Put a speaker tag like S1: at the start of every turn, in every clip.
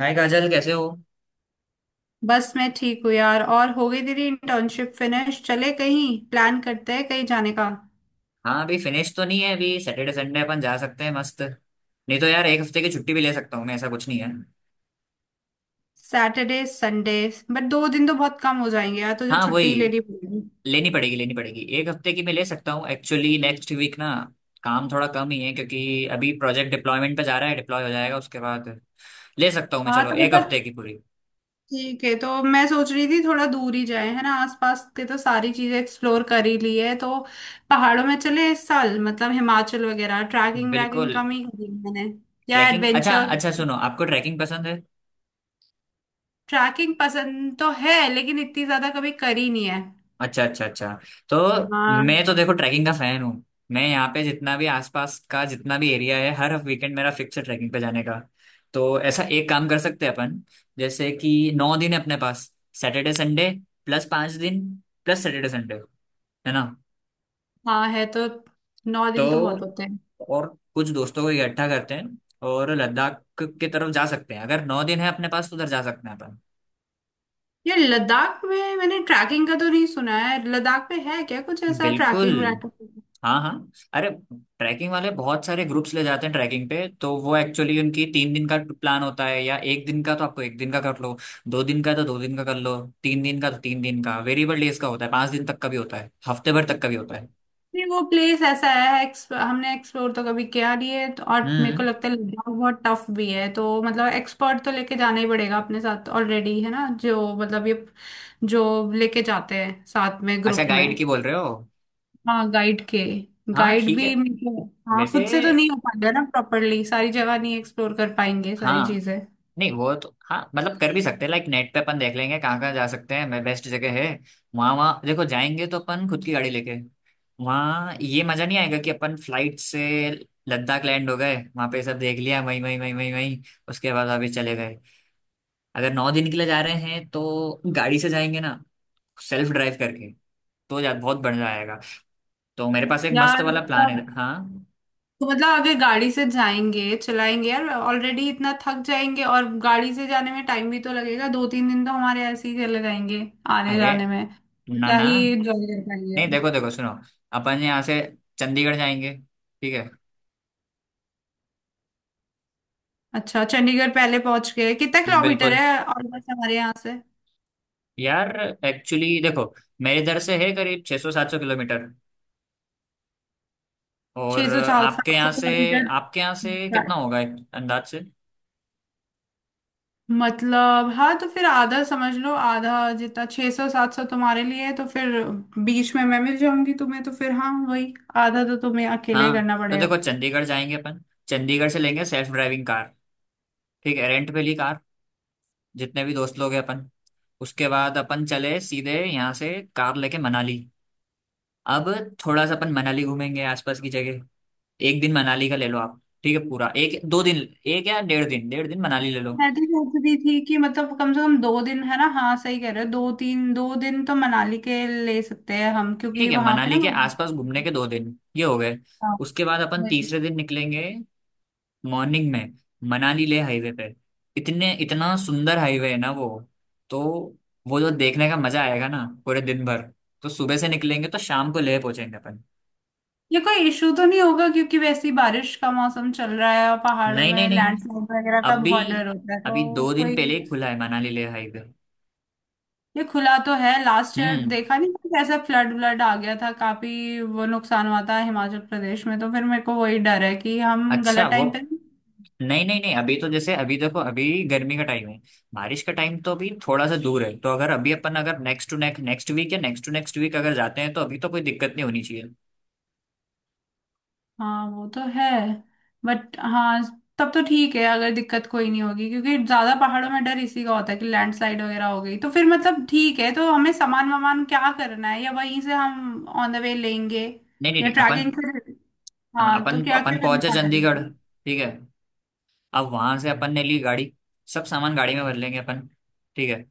S1: हाय काजल, कैसे हो।
S2: बस मैं ठीक हूँ यार। और हो गई तेरी इंटर्नशिप फिनिश? चले कहीं प्लान करते हैं कहीं जाने का।
S1: हाँ, अभी फिनिश तो नहीं है। अभी सैटरडे संडे अपन जा सकते हैं, मस्त। नहीं तो यार, एक हफ्ते की छुट्टी भी ले सकता हूँ मैं, ऐसा कुछ नहीं है।
S2: सैटरडे संडे बट दो दिन तो बहुत कम हो जाएंगे यार, तुझे
S1: हाँ,
S2: छुट्टी
S1: वही।
S2: लेनी पड़ेगी।
S1: लेनी पड़ेगी लेनी पड़ेगी, एक हफ्ते की मैं ले सकता हूँ एक्चुअली नेक्स्ट वीक ना। काम थोड़ा कम ही है क्योंकि अभी प्रोजेक्ट डिप्लॉयमेंट पे जा रहा है। डिप्लॉय हो जाएगा उसके बाद ले सकता हूँ मैं।
S2: हाँ
S1: चलो,
S2: तो
S1: एक
S2: मतलब
S1: हफ्ते की पूरी।
S2: ठीक है, तो मैं सोच रही थी थोड़ा दूर ही जाए, है ना। आसपास के तो सारी चीजें एक्सप्लोर कर ही ली है, तो पहाड़ों में चले इस साल, मतलब हिमाचल वगैरह। ट्रैकिंग व्रैकिंग
S1: बिल्कुल।
S2: कम ही करी है मैंने, या
S1: ट्रैकिंग? अच्छा
S2: एडवेंचर।
S1: अच्छा, सुनो, आपको ट्रैकिंग पसंद है?
S2: ट्रैकिंग पसंद तो है लेकिन इतनी ज्यादा कभी करी नहीं है।
S1: अच्छा अच्छा अच्छा। तो
S2: हाँ
S1: मैं तो देखो ट्रैकिंग का फैन हूँ। मैं यहाँ पे जितना भी आसपास का जितना भी एरिया है, हर वीकेंड मेरा फिक्स है ट्रैकिंग पे जाने का। तो ऐसा एक काम कर सकते हैं अपन, जैसे कि नौ दिन है अपने पास। सैटरडे संडे प्लस पाँच दिन प्लस सैटरडे संडे, है ना।
S2: हाँ, है तो। नौ
S1: तो
S2: दिन तो बहुत होते हैं।
S1: और कुछ दोस्तों को इकट्ठा करते हैं और लद्दाख की तरफ जा सकते हैं। अगर नौ दिन है अपने पास तो उधर जा सकते हैं अपन।
S2: ये लद्दाख में मैंने ट्रैकिंग का तो नहीं सुना है, लद्दाख में है क्या कुछ ऐसा
S1: बिल्कुल।
S2: ट्रैकिंग व्रैकिंग?
S1: हाँ हाँ, अरे, ट्रैकिंग वाले बहुत सारे ग्रुप्स ले जाते हैं ट्रैकिंग पे। तो वो एक्चुअली उनकी तीन दिन का प्लान होता है या एक दिन का। तो आपको एक दिन का कर लो, दो दिन का तो दो दिन का कर लो, तीन दिन का तो तीन दिन का। वेरिएबल डेज का होता है, पांच दिन तक का भी होता है, हफ्ते भर तक का भी होता है।
S2: नहीं, वो प्लेस ऐसा है हमने एक्सप्लोर तो कभी किया नहीं है तो, और मेरे को
S1: हम्म।
S2: लगता है लद्दाख बहुत टफ भी है, तो मतलब एक्सपर्ट तो लेके जाना ही पड़ेगा अपने साथ ऑलरेडी, है ना, जो मतलब ये जो लेके जाते हैं साथ में
S1: अच्छा,
S2: ग्रुप में।
S1: गाइड की बोल रहे हो?
S2: हाँ गाइड के,
S1: हाँ
S2: गाइड
S1: ठीक है।
S2: भी मेरे को- हाँ
S1: वैसे
S2: खुद से तो नहीं हो पाएगा ना प्रॉपरली, सारी जगह नहीं एक्सप्लोर कर पाएंगे सारी
S1: हाँ,
S2: चीजें।
S1: नहीं वो तो, हाँ मतलब कर भी सकते हैं, लाइक नेट पे अपन देख लेंगे कहाँ कहाँ जा सकते हैं। मैं, बेस्ट जगह है वहाँ वहाँ। देखो, जाएंगे तो अपन खुद की गाड़ी लेके। वहाँ ये मजा नहीं आएगा कि अपन फ्लाइट से लद्दाख लैंड हो गए, वहाँ पे सब देख लिया वहीं वहीं वहीं वहीं वहीं, उसके बाद वापस चले गए। अगर नौ दिन के लिए जा रहे हैं तो गाड़ी से जाएंगे ना, सेल्फ ड्राइव करके। तो जा बहुत बढ़िया आएगा। तो मेरे पास एक मस्त
S2: यार
S1: वाला प्लान
S2: तब
S1: है। हाँ,
S2: तो मतलब आगे गाड़ी से जाएंगे, चलाएंगे यार ऑलरेडी इतना थक जाएंगे, और गाड़ी से जाने में टाइम भी तो लगेगा, 2, 3 दिन तो हमारे ऐसे ही चले जाएंगे आने
S1: अरे,
S2: जाने में, तो
S1: ना
S2: क्या
S1: ना,
S2: ही एंजॉय कर पाएंगे
S1: नहीं
S2: हम।
S1: देखो देखो सुनो, अपन यहाँ से चंडीगढ़ जाएंगे, ठीक है।
S2: अच्छा चंडीगढ़ पहले पहुंच गए? कितना किलोमीटर
S1: बिल्कुल।
S2: है? और बस हमारे यहाँ से
S1: यार, एक्चुअली देखो, मेरे इधर से है करीब 600 सौ सात सौ किलोमीटर।
S2: छह
S1: और
S2: सौ चार
S1: आपके
S2: सात सौ
S1: यहाँ से,
S2: किलोमीटर
S1: आपके यहाँ से कितना होगा एक अंदाज से?
S2: मतलब हाँ, तो फिर आधा समझ लो, आधा जितना 600, 700 तुम्हारे लिए है तो फिर बीच में मैं मिल जाऊंगी तुम्हें, तो फिर हाँ वही, आधा तो तुम्हें अकेले ही
S1: हाँ
S2: करना
S1: तो
S2: पड़ेगा।
S1: देखो, चंडीगढ़ जाएंगे अपन। चंडीगढ़ से लेंगे सेल्फ ड्राइविंग कार, ठीक है, रेंट पे ली कार, जितने भी दोस्त लोग हैं अपन। उसके बाद अपन चले सीधे यहाँ से कार लेके मनाली। अब थोड़ा सा अपन मनाली घूमेंगे, आसपास की जगह। एक दिन मनाली का ले लो आप, ठीक है, पूरा एक दो दिन, एक या डेढ़ दिन, डेढ़ दिन मनाली ले लो।
S2: मैं भी सोच रही थी कि मतलब कम से कम 2 दिन, है ना, हाँ सही कह रहे हो, 2, 3, 2 दिन तो मनाली के ले सकते हैं हम,
S1: ठीक
S2: क्योंकि
S1: है,
S2: वहां पे ना।
S1: मनाली के आसपास घूमने के दो दिन ये हो गए।
S2: हाँ।
S1: उसके बाद अपन
S2: वही।
S1: तीसरे दिन निकलेंगे मॉर्निंग में, मनाली ले हाईवे पे। इतने, इतना सुंदर हाईवे है ना वो। तो वो जो देखने का मजा आएगा ना, पूरे दिन भर। तो सुबह से निकलेंगे तो शाम को लेह पहुंचेंगे अपन।
S2: ये कोई इशू तो नहीं होगा? क्योंकि वैसे ही बारिश का मौसम चल रहा है और पहाड़ों
S1: नहीं नहीं
S2: में
S1: नहीं,
S2: लैंडस्लाइड वगैरह का
S1: अभी,
S2: बहुत डर होता है,
S1: अभी
S2: तो
S1: दो दिन
S2: कोई?
S1: पहले ही खुला है मनाली ले हाईवे।
S2: ये खुला तो है, लास्ट ईयर
S1: हम्म।
S2: देखा नहीं था कैसा फ्लड व्लड आ गया था, काफी वो नुकसान हुआ था हिमाचल प्रदेश में, तो फिर मेरे को वही डर है कि हम
S1: अच्छा
S2: गलत
S1: वो,
S2: टाइम पे।
S1: नहीं नहीं नहीं, अभी तो जैसे, अभी देखो, अभी गर्मी का टाइम है। बारिश का टाइम तो अभी थोड़ा सा दूर है। तो अगर अभी अपन अगर next to next next week या नेक्स्ट टू नेक्स्ट वीक अगर जाते हैं तो अभी तो कोई दिक्कत नहीं होनी चाहिए।
S2: हाँ वो तो है। बट हाँ, तब तो ठीक है अगर दिक्कत कोई नहीं होगी, क्योंकि ज्यादा पहाड़ों में डर इसी का होता है कि लैंडस्लाइड वगैरह हो गई तो। फिर मतलब ठीक है, तो हमें सामान वामान क्या करना है, या वहीं से हम ऑन द वे लेंगे
S1: नहीं नहीं
S2: या
S1: नहीं, अपन,
S2: ट्रैकिंग से?
S1: हाँ,
S2: हाँ तो
S1: अपन
S2: क्या
S1: अपन
S2: क्या करने
S1: पहुंचे
S2: वाला है?
S1: चंडीगढ़, ठीक है। अब वहां से अपन ने ली गाड़ी, सब सामान गाड़ी में भर लेंगे अपन। ठीक है,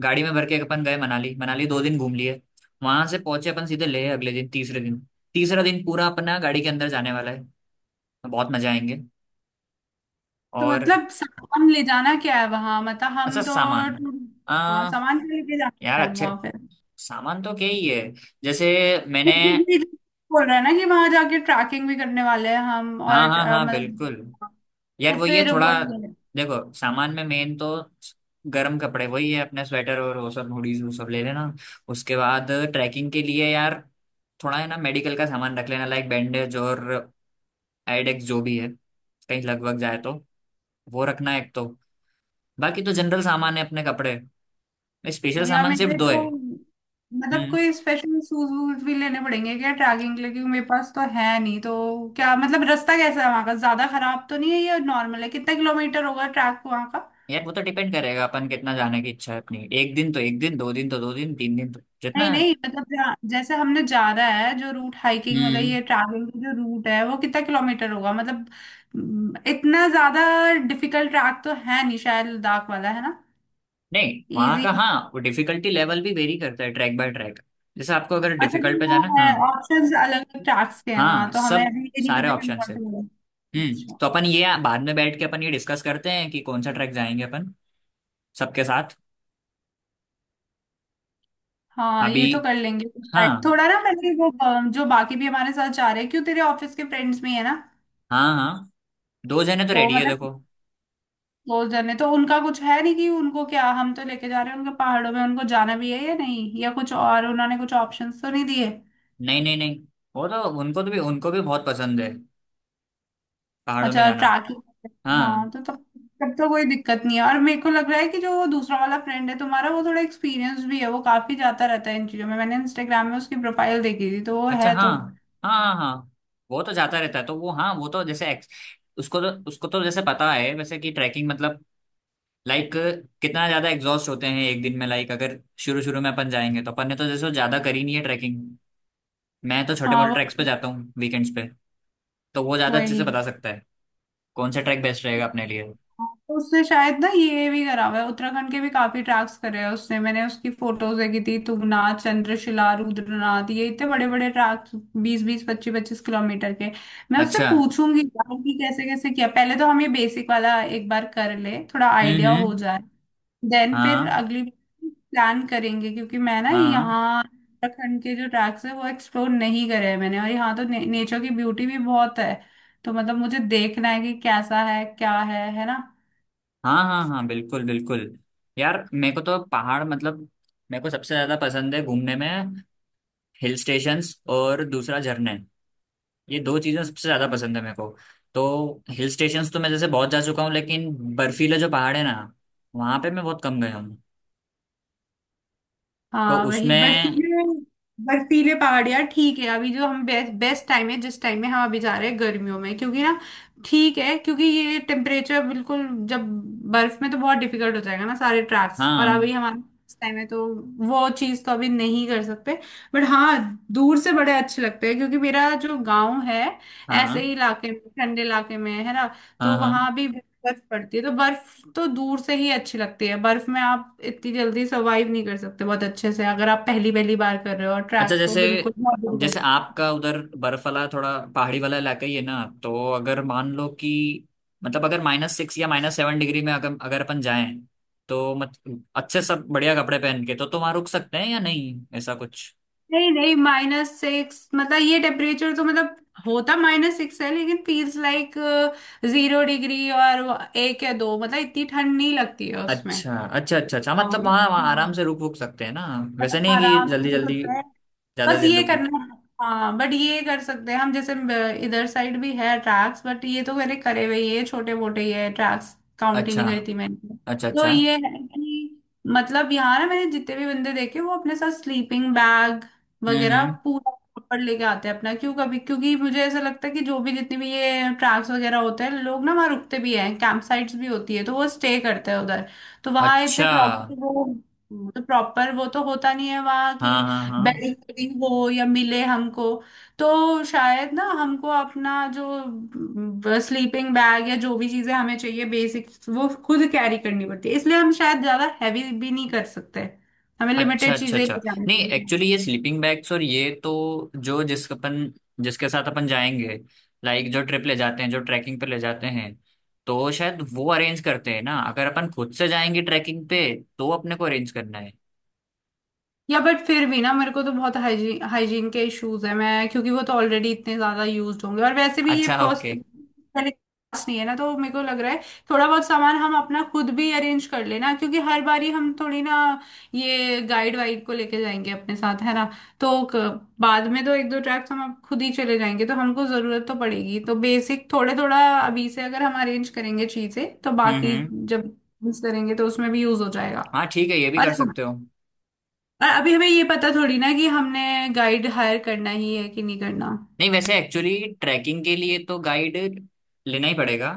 S1: गाड़ी में भर के अपन गए मनाली। मनाली दो दिन घूम लिए, वहां से पहुंचे अपन सीधे लेह अगले दिन, तीसरे दिन। तीसरा दिन पूरा अपना गाड़ी के अंदर जाने वाला है। बहुत मजा आएंगे।
S2: तो
S1: और,
S2: मतलब सामान ले जाना क्या है वहां, मतलब
S1: अच्छा,
S2: हम तो,
S1: सामान।
S2: हाँ सामान क्या लेके जाना
S1: यार,
S2: है हम
S1: अच्छे,
S2: वहां पे?
S1: सामान तो क्या ही है। जैसे, मैंने,
S2: ये बोल रहा है ना कि वहां जाके ट्रैकिंग भी करने वाले हैं हम,
S1: हाँ
S2: और
S1: हाँ हाँ, बिल्कुल।
S2: मतलब
S1: यार
S2: तो
S1: वो ये
S2: फिर
S1: थोड़ा,
S2: वो
S1: देखो, सामान में मेन तो गर्म कपड़े, वही है, अपने स्वेटर और वो सब, हुडीज वो सब ले लेना। उसके बाद ट्रैकिंग के लिए यार, थोड़ा है ना मेडिकल का सामान रख लेना, लाइक बैंडेज, और आइडेक्स, जो भी है कहीं लगभग जाए तो। वो रखना एक तो। बाकी तो जनरल सामान है, अपने कपड़े। स्पेशल
S2: और या
S1: सामान सिर्फ
S2: मेरे
S1: दो है।
S2: तो मतलब
S1: हम्म।
S2: कोई स्पेशल शूज वूज भी लेने पड़ेंगे क्या ट्रैकिंग के लिए? क्योंकि मेरे पास तो है नहीं तो। क्या मतलब रास्ता कैसा है वहाँ का, ज्यादा खराब तो नहीं है या नॉर्मल है? कितना किलोमीटर होगा ट्रैक वहाँ का?
S1: यार वो तो डिपेंड करेगा, अपन कितना जाने की इच्छा है अपनी। एक दिन तो एक दिन, दो दिन तो दो दिन, तीन दिन तो
S2: नहीं
S1: जितना।
S2: नहीं, मतलब जैसे हमने जा रहा है जो रूट, हाइकिंग मतलब
S1: हम्म।
S2: ये ट्रैकिंग का जो रूट है वो कितना किलोमीटर होगा मतलब? इतना ज्यादा डिफिकल्ट ट्रैक तो है नहीं शायद, लद्दाख वाला है ना।
S1: नहीं, वहां
S2: इजी।
S1: का हाँ, वो डिफिकल्टी लेवल भी वेरी करता है ट्रैक बाय ट्रैक। जैसे आपको अगर
S2: अच्छा जी,
S1: डिफिकल्ट पे
S2: हाँ
S1: जाना।
S2: है,
S1: हाँ,
S2: ऑप्शंस अलग अलग ट्रैक्स के हैं वहाँ
S1: हाँ
S2: तो। हमें
S1: सब,
S2: अभी ये नहीं
S1: सारे
S2: पता कि हम
S1: ऑप्शन
S2: कौन
S1: है।
S2: सा लेंगे।
S1: हम्म, तो अपन ये बाद में बैठ के अपन ये डिस्कस करते हैं कि कौन सा ट्रैक जाएंगे अपन, सबके साथ।
S2: हाँ
S1: अभी।
S2: ये तो कर लेंगे।
S1: हाँ
S2: थोड़ा ना मैंने वो, जो बाकी भी हमारे साथ जा रहे हैं, क्यों तेरे ऑफिस के फ्रेंड्स में है ना,
S1: हाँ हाँ, दो जने तो
S2: तो
S1: रेडी है
S2: मतलब
S1: देखो।
S2: क्लोज जन है तो उनका कुछ है नहीं, कि उनको क्या हम तो लेके जा रहे हैं उनके पहाड़ों में, उनको जाना भी है या नहीं, या कुछ और, उन्होंने कुछ ऑप्शंस तो नहीं दिए?
S1: नहीं नहीं नहीं, वो तो उनको तो, भी उनको भी बहुत पसंद है पहाड़ों में
S2: अच्छा
S1: जाना।
S2: ट्रैकिंग, हाँ
S1: हाँ।
S2: तो तब तब तो कोई दिक्कत नहीं है। और मेरे को लग रहा है कि जो वो दूसरा वाला फ्रेंड है तुम्हारा, वो थोड़ा एक्सपीरियंस भी है, वो काफी जाता रहता है इन चीजों में, मैंने इंस्टाग्राम में उसकी प्रोफाइल देखी थी, तो वो
S1: अच्छा।
S2: है
S1: हाँ
S2: तो
S1: हाँ हाँ, हाँ वो तो जाता रहता है, तो वो हाँ वो तो जैसे उसको तो, उसको तो जैसे पता है वैसे कि ट्रैकिंग मतलब, लाइक, कितना ज्यादा एग्जॉस्ट होते हैं एक दिन में। लाइक, अगर शुरू शुरू में अपन जाएंगे तो अपन ने तो जैसे ज्यादा करी नहीं है ट्रैकिंग। मैं तो छोटे
S2: हाँ
S1: मोटे
S2: वो
S1: ट्रैक्स पे जाता हूँ वीकेंड्स पे। तो वो ज्यादा अच्छे
S2: वही।
S1: से बता सकता है कौन सा ट्रैक बेस्ट रहेगा अपने लिए।
S2: तो उससे शायद ना, ये भी करा हुआ है, उत्तराखंड के भी काफी ट्रैक्स करे हैं उसने, मैंने उसकी फोटोज देखी थी, तुंगनाथ, चंद्रशिला, रुद्रनाथ, ये इतने बड़े बड़े ट्रैक्स, 20, 20, 25, 25 किलोमीटर के। मैं उससे
S1: अच्छा।
S2: पूछूंगी यार कि कैसे कैसे किया, पहले तो हम ये बेसिक वाला एक बार कर ले, थोड़ा आइडिया हो
S1: हम्म।
S2: जाए, देन फिर
S1: हाँ।
S2: अगली प्लान करेंगे, क्योंकि मैं ना
S1: हाँ
S2: यहाँ उत्तराखंड के जो ट्रैक्स है वो एक्सप्लोर नहीं करे हैं मैंने, और यहाँ तो नेचर की ब्यूटी भी बहुत है, तो मतलब मुझे देखना है कि कैसा है क्या है ना।
S1: हाँ, हाँ हाँ, बिल्कुल बिल्कुल। यार मेरे को तो पहाड़ मतलब, मेरे को सबसे ज्यादा पसंद है घूमने में, हिल स्टेशंस और दूसरा झरने। ये दो चीज़ें सबसे ज़्यादा पसंद है मेरे को। तो हिल स्टेशंस तो मैं जैसे बहुत जा चुका हूँ लेकिन बर्फीले जो पहाड़ है ना, वहाँ पे मैं बहुत कम गया हूँ। तो
S2: हाँ वही
S1: उसमें।
S2: बर्फीले, बर्फीले पहाड़ यार ठीक है, अभी जो हम बेस्ट बेस्ट टाइम है जिस टाइम में हम अभी जा रहे हैं गर्मियों में, क्योंकि ना ठीक है, क्योंकि ये टेम्परेचर बिल्कुल, जब बर्फ में तो बहुत डिफिकल्ट हो जाएगा ना सारे ट्रैक्स, और अभी
S1: हाँ
S2: हमारा टाइम है तो वो चीज़ तो अभी नहीं कर सकते। बट हाँ दूर से बड़े अच्छे लगते हैं, क्योंकि मेरा जो गांव है ऐसे
S1: हाँ
S2: ही इलाके में, ठंडे इलाके में है ना,
S1: हाँ
S2: तो
S1: हाँ।
S2: वहां भी बर्फ पड़ती है, तो बर्फ तो दूर से ही अच्छी लगती है, बर्फ में आप इतनी जल्दी सर्वाइव नहीं कर सकते बहुत अच्छे से, अगर आप पहली पहली बार कर रहे हो, और
S1: अच्छा
S2: ट्रैक तो
S1: जैसे,
S2: बिल्कुल
S1: जैसे आपका उधर बर्फ वाला थोड़ा पहाड़ी वाला इलाका ही है ना, तो अगर मान लो कि, मतलब अगर माइनस सिक्स या माइनस सेवन डिग्री में अगर अगर अपन जाएं, तो मत अच्छे सब बढ़िया कपड़े पहन के, तो वहाँ रुक सकते हैं या नहीं, ऐसा कुछ?
S2: नहीं नहीं -6, मतलब ये टेम्परेचर तो मतलब, होता -6 है लेकिन फील्स लाइक 0 डिग्री और 1 या 2, मतलब इतनी ठंड नहीं लगती है उसमें।
S1: अच्छा अच्छा अच्छा अच्छा, मतलब
S2: हाँ
S1: वहाँ वहाँ आराम से रुक रुक सकते हैं ना। वैसे नहीं कि
S2: आराम
S1: जल्दी
S2: से हो
S1: जल्दी
S2: सकता है,
S1: ज्यादा
S2: बस
S1: देर
S2: ये
S1: रुकना।
S2: करना है। हाँ बट ये कर सकते हैं हम, जैसे इधर साइड भी है ट्रैक्स, बट ये तो मेरे करे हुए ये छोटे मोटे ही है, ट्रैक्स काउंट ही
S1: अच्छा
S2: नहीं करी थी मैंने।
S1: अच्छा
S2: तो
S1: अच्छा।
S2: ये है कि मतलब यहाँ ना मैंने जितने भी बंदे देखे, वो अपने साथ स्लीपिंग बैग वगैरह
S1: हम्म।
S2: पूरा प्रॉपर लेके आते हैं अपना, क्यों कभी, क्योंकि मुझे ऐसा लगता है कि जो भी जितनी भी ये ट्रैक्स वगैरह होते हैं, लोग ना वहाँ रुकते भी हैं, कैंप साइट्स भी होती है तो वो स्टे करते हैं उधर, तो वहाँ इतने
S1: अच्छा।
S2: प्रॉपर वो तो प्रॉपर वो तो होता नहीं है वहाँ
S1: हाँ
S2: की
S1: हाँ हाँ।
S2: बेडिंग वेडिंग हो या मिले हमको, तो शायद ना हमको अपना जो स्लीपिंग बैग या जो भी चीजें हमें चाहिए बेसिक, वो खुद कैरी करनी पड़ती है, इसलिए हम शायद ज्यादा हैवी भी नहीं कर सकते, हमें
S1: अच्छा
S2: लिमिटेड
S1: अच्छा
S2: चीजें ले
S1: अच्छा।
S2: जानी
S1: नहीं
S2: होंगी।
S1: एक्चुअली ये स्लीपिंग बैग्स और ये तो, जो जिस अपन, जिसके साथ अपन जाएंगे, लाइक जो ट्रिप ले जाते हैं, जो ट्रैकिंग पे ले जाते हैं, तो शायद वो अरेंज करते हैं ना। अगर अपन खुद से जाएंगे ट्रैकिंग पे तो अपने को अरेंज करना है।
S2: या बट फिर भी ना, मेरे को तो बहुत हाइजीन, हाइजीन के इश्यूज है, मैं क्योंकि वो तो ऑलरेडी इतने ज्यादा यूज्ड होंगे, और वैसे भी ये
S1: अच्छा
S2: पर्स
S1: ओके।
S2: पहले class नहीं है ना, तो मेरे को लग रहा है थोड़ा बहुत सामान हम अपना खुद भी अरेंज कर लेना, क्योंकि हर बारी हम थोड़ी ना ये गाइड वाइड को लेके जाएंगे अपने साथ, है ना, तो बाद में तो 1, 2 ट्रैक्स हम अब खुद ही चले जाएंगे तो हमको जरूरत तो पड़ेगी, तो बेसिक थोड़े थोड़ा अभी से अगर हम अरेंज करेंगे चीजें, तो बाकी
S1: हम्म।
S2: जब यूज करेंगे तो उसमें भी यूज हो जाएगा।
S1: हाँ ठीक है, ये भी कर सकते हो।
S2: और अभी हमें ये पता थोड़ी ना कि हमने गाइड हायर करना ही है कि नहीं करना।
S1: नहीं, वैसे एक्चुअली ट्रैकिंग के लिए तो गाइड लेना ही पड़ेगा,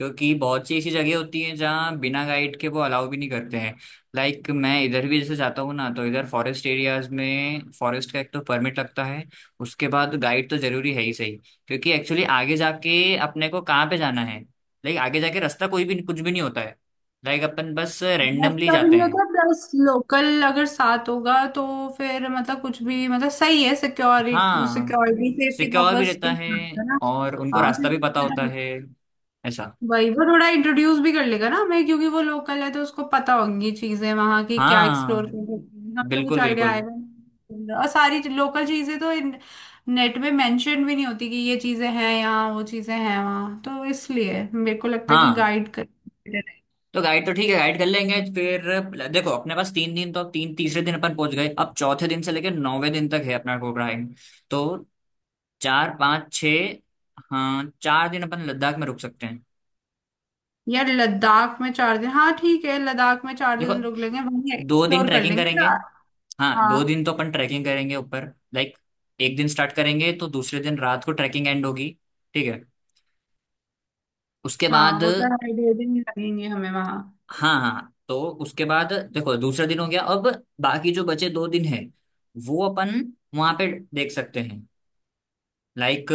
S1: क्योंकि बहुत सी ऐसी जगह होती हैं जहाँ बिना गाइड के वो अलाउ भी नहीं करते हैं। मैं इधर भी जैसे जाता हूँ ना, तो इधर फॉरेस्ट एरियाज में फॉरेस्ट का एक तो परमिट लगता है, उसके बाद गाइड तो जरूरी है ही सही। क्योंकि एक्चुअली आगे जाके अपने को कहाँ पे जाना है, लाइक आगे जाके रास्ता कोई भी कुछ भी नहीं होता है। लाइक अपन बस रेंडमली
S2: रास्ता भी
S1: जाते
S2: नहीं
S1: हैं।
S2: होता, प्लस लोकल अगर साथ होगा तो फिर मतलब कुछ भी, मतलब सही है, सिक्योरिटी,
S1: हाँ,
S2: सिक्योरिटी सेफ्टी
S1: सिक्का और भी
S2: पर्पस
S1: रहता
S2: के
S1: है,
S2: साथ, है ना।
S1: और उनको
S2: हाँ
S1: रास्ता भी पता होता है ऐसा।
S2: वही, वो थोड़ा इंट्रोड्यूस भी कर लेगा ना हमें, क्योंकि वो लोकल है तो उसको पता होंगी चीजें वहां की, क्या एक्सप्लोर
S1: हाँ,
S2: कर सकते हैं हम तो कुछ
S1: बिल्कुल
S2: आइडिया
S1: बिल्कुल।
S2: आएगा। नहीं, और सारी लोकल चीजें तो नेट में मेंशन भी नहीं होती कि ये चीजें हैं यहाँ, वो चीजें हैं वहाँ, तो इसलिए मेरे को लगता है कि
S1: हाँ
S2: गाइड कर।
S1: तो गाइड तो ठीक है, गाइड कर लेंगे। फिर देखो, अपने पास तीन दिन तो, अब तीन तीसरे दिन अपन पहुंच गए। अब चौथे दिन से लेकर नौवे दिन तक है अपना टूर गाइड। तो चार पाँच छ, हाँ, चार दिन अपन लद्दाख में रुक सकते हैं।
S2: यार लद्दाख में 4 दिन, हाँ ठीक है, लद्दाख में चार
S1: देखो,
S2: दिन रुक लेंगे, वहीं
S1: दो दिन
S2: एक्सप्लोर कर
S1: ट्रैकिंग
S2: लेंगे।
S1: करेंगे, हाँ दो दिन तो
S2: हाँ
S1: अपन ट्रैकिंग करेंगे ऊपर। लाइक एक दिन स्टार्ट करेंगे तो दूसरे दिन रात को ट्रैकिंग एंड होगी, ठीक है। उसके
S2: हाँ,
S1: बाद,
S2: वो तो 2.5, 2 दिन ही लगेंगे हमें वहाँ।
S1: हाँ हाँ, तो उसके बाद देखो दूसरा दिन हो गया अब। बाकी जो बचे दो दिन है, वो अपन वहां पे देख सकते हैं, लाइक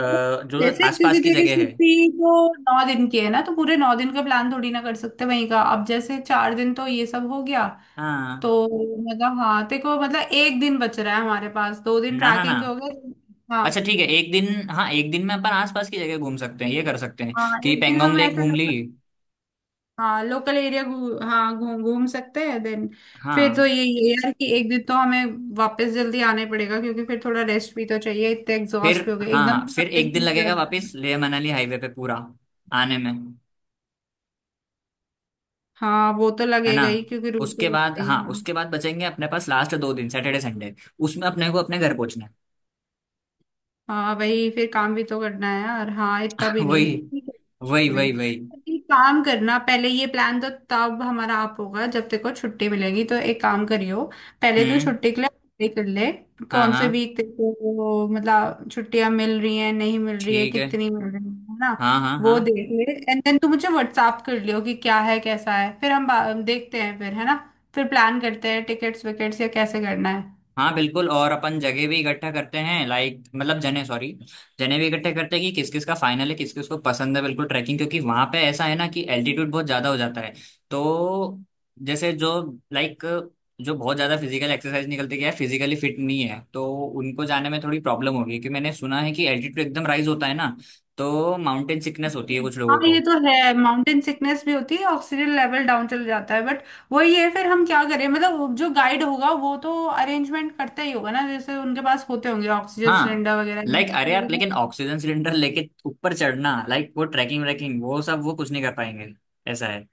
S1: जो
S2: जैसे क्योंकि
S1: आसपास की
S2: तेरी
S1: जगह है।
S2: छुट्टी तो 9 दिन की है ना, तो पूरे 9 दिन का प्लान थोड़ी ना कर सकते वहीं का, अब जैसे 4 दिन तो ये सब हो गया,
S1: हाँ,
S2: तो मतलब हाँ तेरे को, मतलब 1 दिन बच रहा है हमारे पास, 2 दिन
S1: ना ना ना,
S2: ट्रैकिंग के हो गए। हाँ
S1: अच्छा ठीक है, एक दिन, हाँ एक दिन में अपन आसपास की जगह घूम सकते हैं, ये कर सकते हैं
S2: हाँ,
S1: कि
S2: 1 दिन
S1: पेंगोंग
S2: हम
S1: लेक
S2: ऐसे
S1: घूम ली।
S2: लोकल, हाँ लोकल एरिया हाँ घूम घूम सकते हैं देन। फिर तो
S1: हाँ।
S2: यही है यार कि 1 दिन तो हमें वापस जल्दी आने पड़ेगा, क्योंकि फिर थोड़ा रेस्ट भी तो चाहिए, इतने
S1: फिर,
S2: एग्जॉस्ट भी हो गए,
S1: हाँ
S2: एकदम
S1: हाँ,
S2: से
S1: फिर
S2: अगले
S1: एक
S2: दिन
S1: दिन
S2: नहीं
S1: लगेगा
S2: जाना
S1: वापस
S2: है।
S1: लेह मनाली हाईवे पे पूरा आने में,
S2: हाँ वो तो
S1: है ना।
S2: लगेगा ही क्योंकि रूट
S1: उसके
S2: तो
S1: बाद,
S2: लगता ही है,
S1: हाँ उसके
S2: हाँ।
S1: बाद बचेंगे अपने पास लास्ट दो दिन सैटरडे संडे, उसमें अपने को अपने घर पहुंचना है।
S2: हाँ वही, फिर काम भी तो करना है यार, हाँ इतना भी
S1: वही,
S2: नहीं, ठीक है।
S1: वही
S2: भाई
S1: वही वही।
S2: तो एक काम करना, पहले ये प्लान तो तब हमारा आप होगा जब तेरे को छुट्टी मिलेगी, तो एक काम करियो, पहले तो
S1: हम्म।
S2: छुट्टी के लिए apply कर ले,
S1: हाँ
S2: कौन से
S1: हाँ
S2: वीक तेरे को मतलब छुट्टियां मिल रही हैं, नहीं मिल रही है,
S1: ठीक है।
S2: कितनी मिल रही है ना।
S1: हाँ हाँ
S2: वो
S1: हाँ।
S2: देख ले एंड देन तू मुझे व्हाट्सअप कर लियो कि क्या है कैसा है, फिर हम देखते हैं फिर, है ना। फिर प्लान करते हैं टिकट्स विकेट्स या कैसे करना है।
S1: हाँ बिल्कुल, और अपन जगह भी इकट्ठा करते हैं, लाइक मतलब जने, सॉरी, जने भी इकट्ठे करते हैं कि किस किस का फाइनल है, किस किस को पसंद है बिल्कुल ट्रैकिंग। क्योंकि वहां पे ऐसा है ना कि एल्टीट्यूड बहुत ज्यादा हो जाता है। तो जैसे जो, लाइक, जो बहुत ज्यादा फिजिकल एक्सरसाइज निकलते क्या है, फिजिकली फिट नहीं है तो उनको जाने में थोड़ी प्रॉब्लम होगी। क्योंकि मैंने सुना है कि एल्टीट्यूड एकदम राइज होता है ना, तो माउंटेन सिकनेस होती है कुछ
S2: हाँ
S1: लोगों
S2: ये
S1: को।
S2: तो है, माउंटेन सिकनेस भी होती है, ऑक्सीजन लेवल डाउन चल जाता है, बट वही है, फिर हम क्या करें, मतलब वो जो गाइड होगा वो तो अरेंजमेंट करता ही होगा ना, जैसे उनके पास होते होंगे ऑक्सीजन
S1: हाँ,
S2: सिलेंडर वगैरह ये
S1: लाइक
S2: सब
S1: अरे यार,
S2: चीजें तो।
S1: लेकिन ऑक्सीजन सिलेंडर लेके ऊपर चढ़ना, लाइक वो ट्रैकिंग व्रैकिंग वो सब, वो कुछ नहीं कर पाएंगे ऐसा है।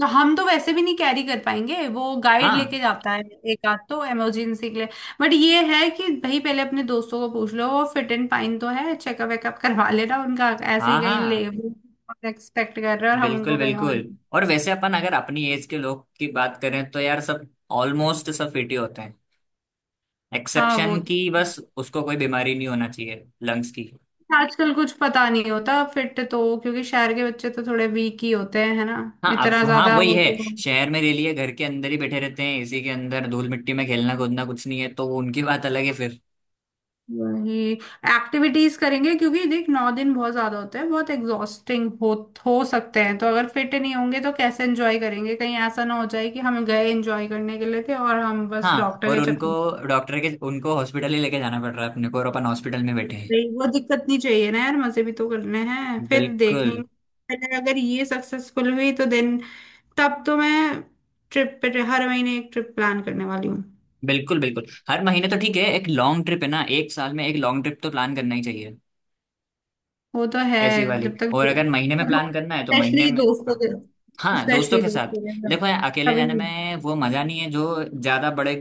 S2: तो हम तो वैसे भी नहीं कैरी कर पाएंगे, वो गाइड लेके
S1: हाँ
S2: जाता है एक आध तो इमरजेंसी के लिए। बट ये है कि भाई पहले अपने दोस्तों को पूछ लो वो फिट एंड फाइन तो है, चेकअप वेकअप करवा लेना उनका, ऐसे
S1: हाँ
S2: ही कहीं ले
S1: हाँ,
S2: एक्सपेक्ट कर रहे हैं और हम
S1: बिल्कुल
S2: उनको कहीं
S1: बिल्कुल।
S2: और।
S1: और वैसे अपन अगर अपनी एज के लोग की बात करें तो यार सब ऑलमोस्ट सब फिट ही होते हैं।
S2: हाँ वो
S1: एक्सेप्शन
S2: तो,
S1: की बस, उसको कोई बीमारी नहीं होना चाहिए लंग्स की।
S2: आजकल कुछ पता नहीं होता फिट तो, क्योंकि शहर के बच्चे तो थोड़े वीक ही होते हैं, है ना।
S1: हाँ अब,
S2: इतना
S1: हाँ
S2: ज्यादा
S1: वही है, शहर में रह लिए घर के अंदर ही बैठे रहते हैं, इसी के अंदर धूल मिट्टी में खेलना कूदना कुछ नहीं है, तो उनकी बात अलग है।
S2: वही एक्टिविटीज करेंगे, क्योंकि देख 9 दिन बहुत ज्यादा होते हैं, बहुत एग्जॉस्टिंग हो सकते हैं, तो अगर फिट नहीं होंगे तो कैसे एंजॉय करेंगे, कहीं ऐसा ना हो जाए कि हम गए एंजॉय करने के लिए थे और हम बस
S1: हाँ
S2: डॉक्टर
S1: और
S2: के
S1: उनको,
S2: चक्कर में।
S1: डॉक्टर के, उनको हॉस्पिटल ही लेके जाना पड़ रहा है, अपने को और अपन हॉस्पिटल में बैठे हैं।
S2: नहीं, वो दिक्कत नहीं चाहिए ना यार, मजे भी तो करने हैं। फिर देखेंगे
S1: बिल्कुल।
S2: पहले अगर ये सक्सेसफुल हुई तो देन तब तो मैं ट्रिप पे हर महीने एक ट्रिप प्लान करने वाली हूँ।
S1: बिल्कुल बिल्कुल, हर महीने तो ठीक है, एक लॉन्ग ट्रिप है ना, एक साल में एक लॉन्ग ट्रिप तो प्लान करना ही चाहिए
S2: वो तो है
S1: ऐसी वाली।
S2: जब तक।
S1: और अगर महीने में प्लान करना है तो महीने
S2: स्पेशली
S1: में
S2: दोस्तों
S1: हाँ।
S2: के,
S1: हाँ, दोस्तों
S2: स्पेशली
S1: के साथ।
S2: दोस्तों के साथ,
S1: देखो यार अकेले
S2: कभी
S1: जाने में वो मजा नहीं है, जो ज्यादा बड़े,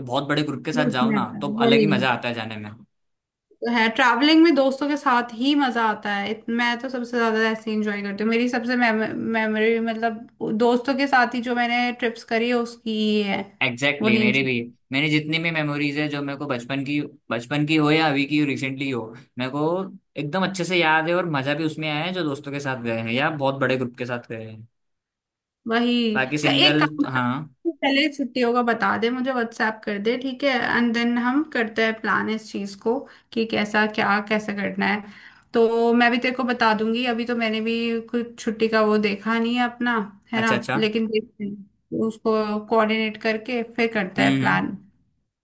S1: बहुत बड़े ग्रुप के साथ
S2: ग्रुप
S1: जाओ
S2: में
S1: ना
S2: आता
S1: तो
S2: है
S1: अलग
S2: वही
S1: ही मजा आता है जाने में।
S2: तो है, ट्रैवलिंग में दोस्तों के साथ ही मजा आता है, मैं तो सबसे ज्यादा ऐसे इंजॉय करती हूँ, मेरी सबसे मेमोरी मतलब दोस्तों के साथ ही जो मैंने ट्रिप्स करी है उसकी ही है।
S1: एग्जैक्टली exactly,
S2: वही
S1: मेरे
S2: enjoy।
S1: भी, मैंने जितनी भी मेमोरीज है जो मेरे को, बचपन की, बचपन की हो या अभी की रिसेंटली हो, मेरे को एकदम अच्छे से याद है और मजा भी उसमें आया है जो दोस्तों के साथ गए हैं या बहुत बड़े ग्रुप के साथ गए हैं।
S2: वही।
S1: बाकी
S2: तो एक
S1: सिंगल,
S2: काम करते
S1: हाँ।
S2: हैं, पहले छुट्टियों का बता दे, मुझे व्हाट्सएप कर दे ठीक है, एंड देन हम करते हैं प्लान इस चीज को कि कैसा क्या कैसे करना है। तो मैं भी तेरे को बता दूंगी, अभी तो मैंने भी कुछ छुट्टी का वो देखा नहीं है अपना, है ना,
S1: अच्छा अच्छा।
S2: लेकिन देखते हैं उसको कोऑर्डिनेट करके फिर करते हैं
S1: हम्म।
S2: प्लान।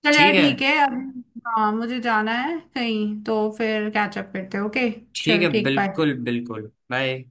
S2: चल यार
S1: ठीक है।
S2: ठीक है अब। हाँ मुझे जाना है कहीं, तो फिर कैचअप करते हैं, ओके।
S1: ठीक
S2: चल
S1: है,
S2: ठीक
S1: बिल्कुल
S2: बाय।
S1: बिल्कुल, बाय।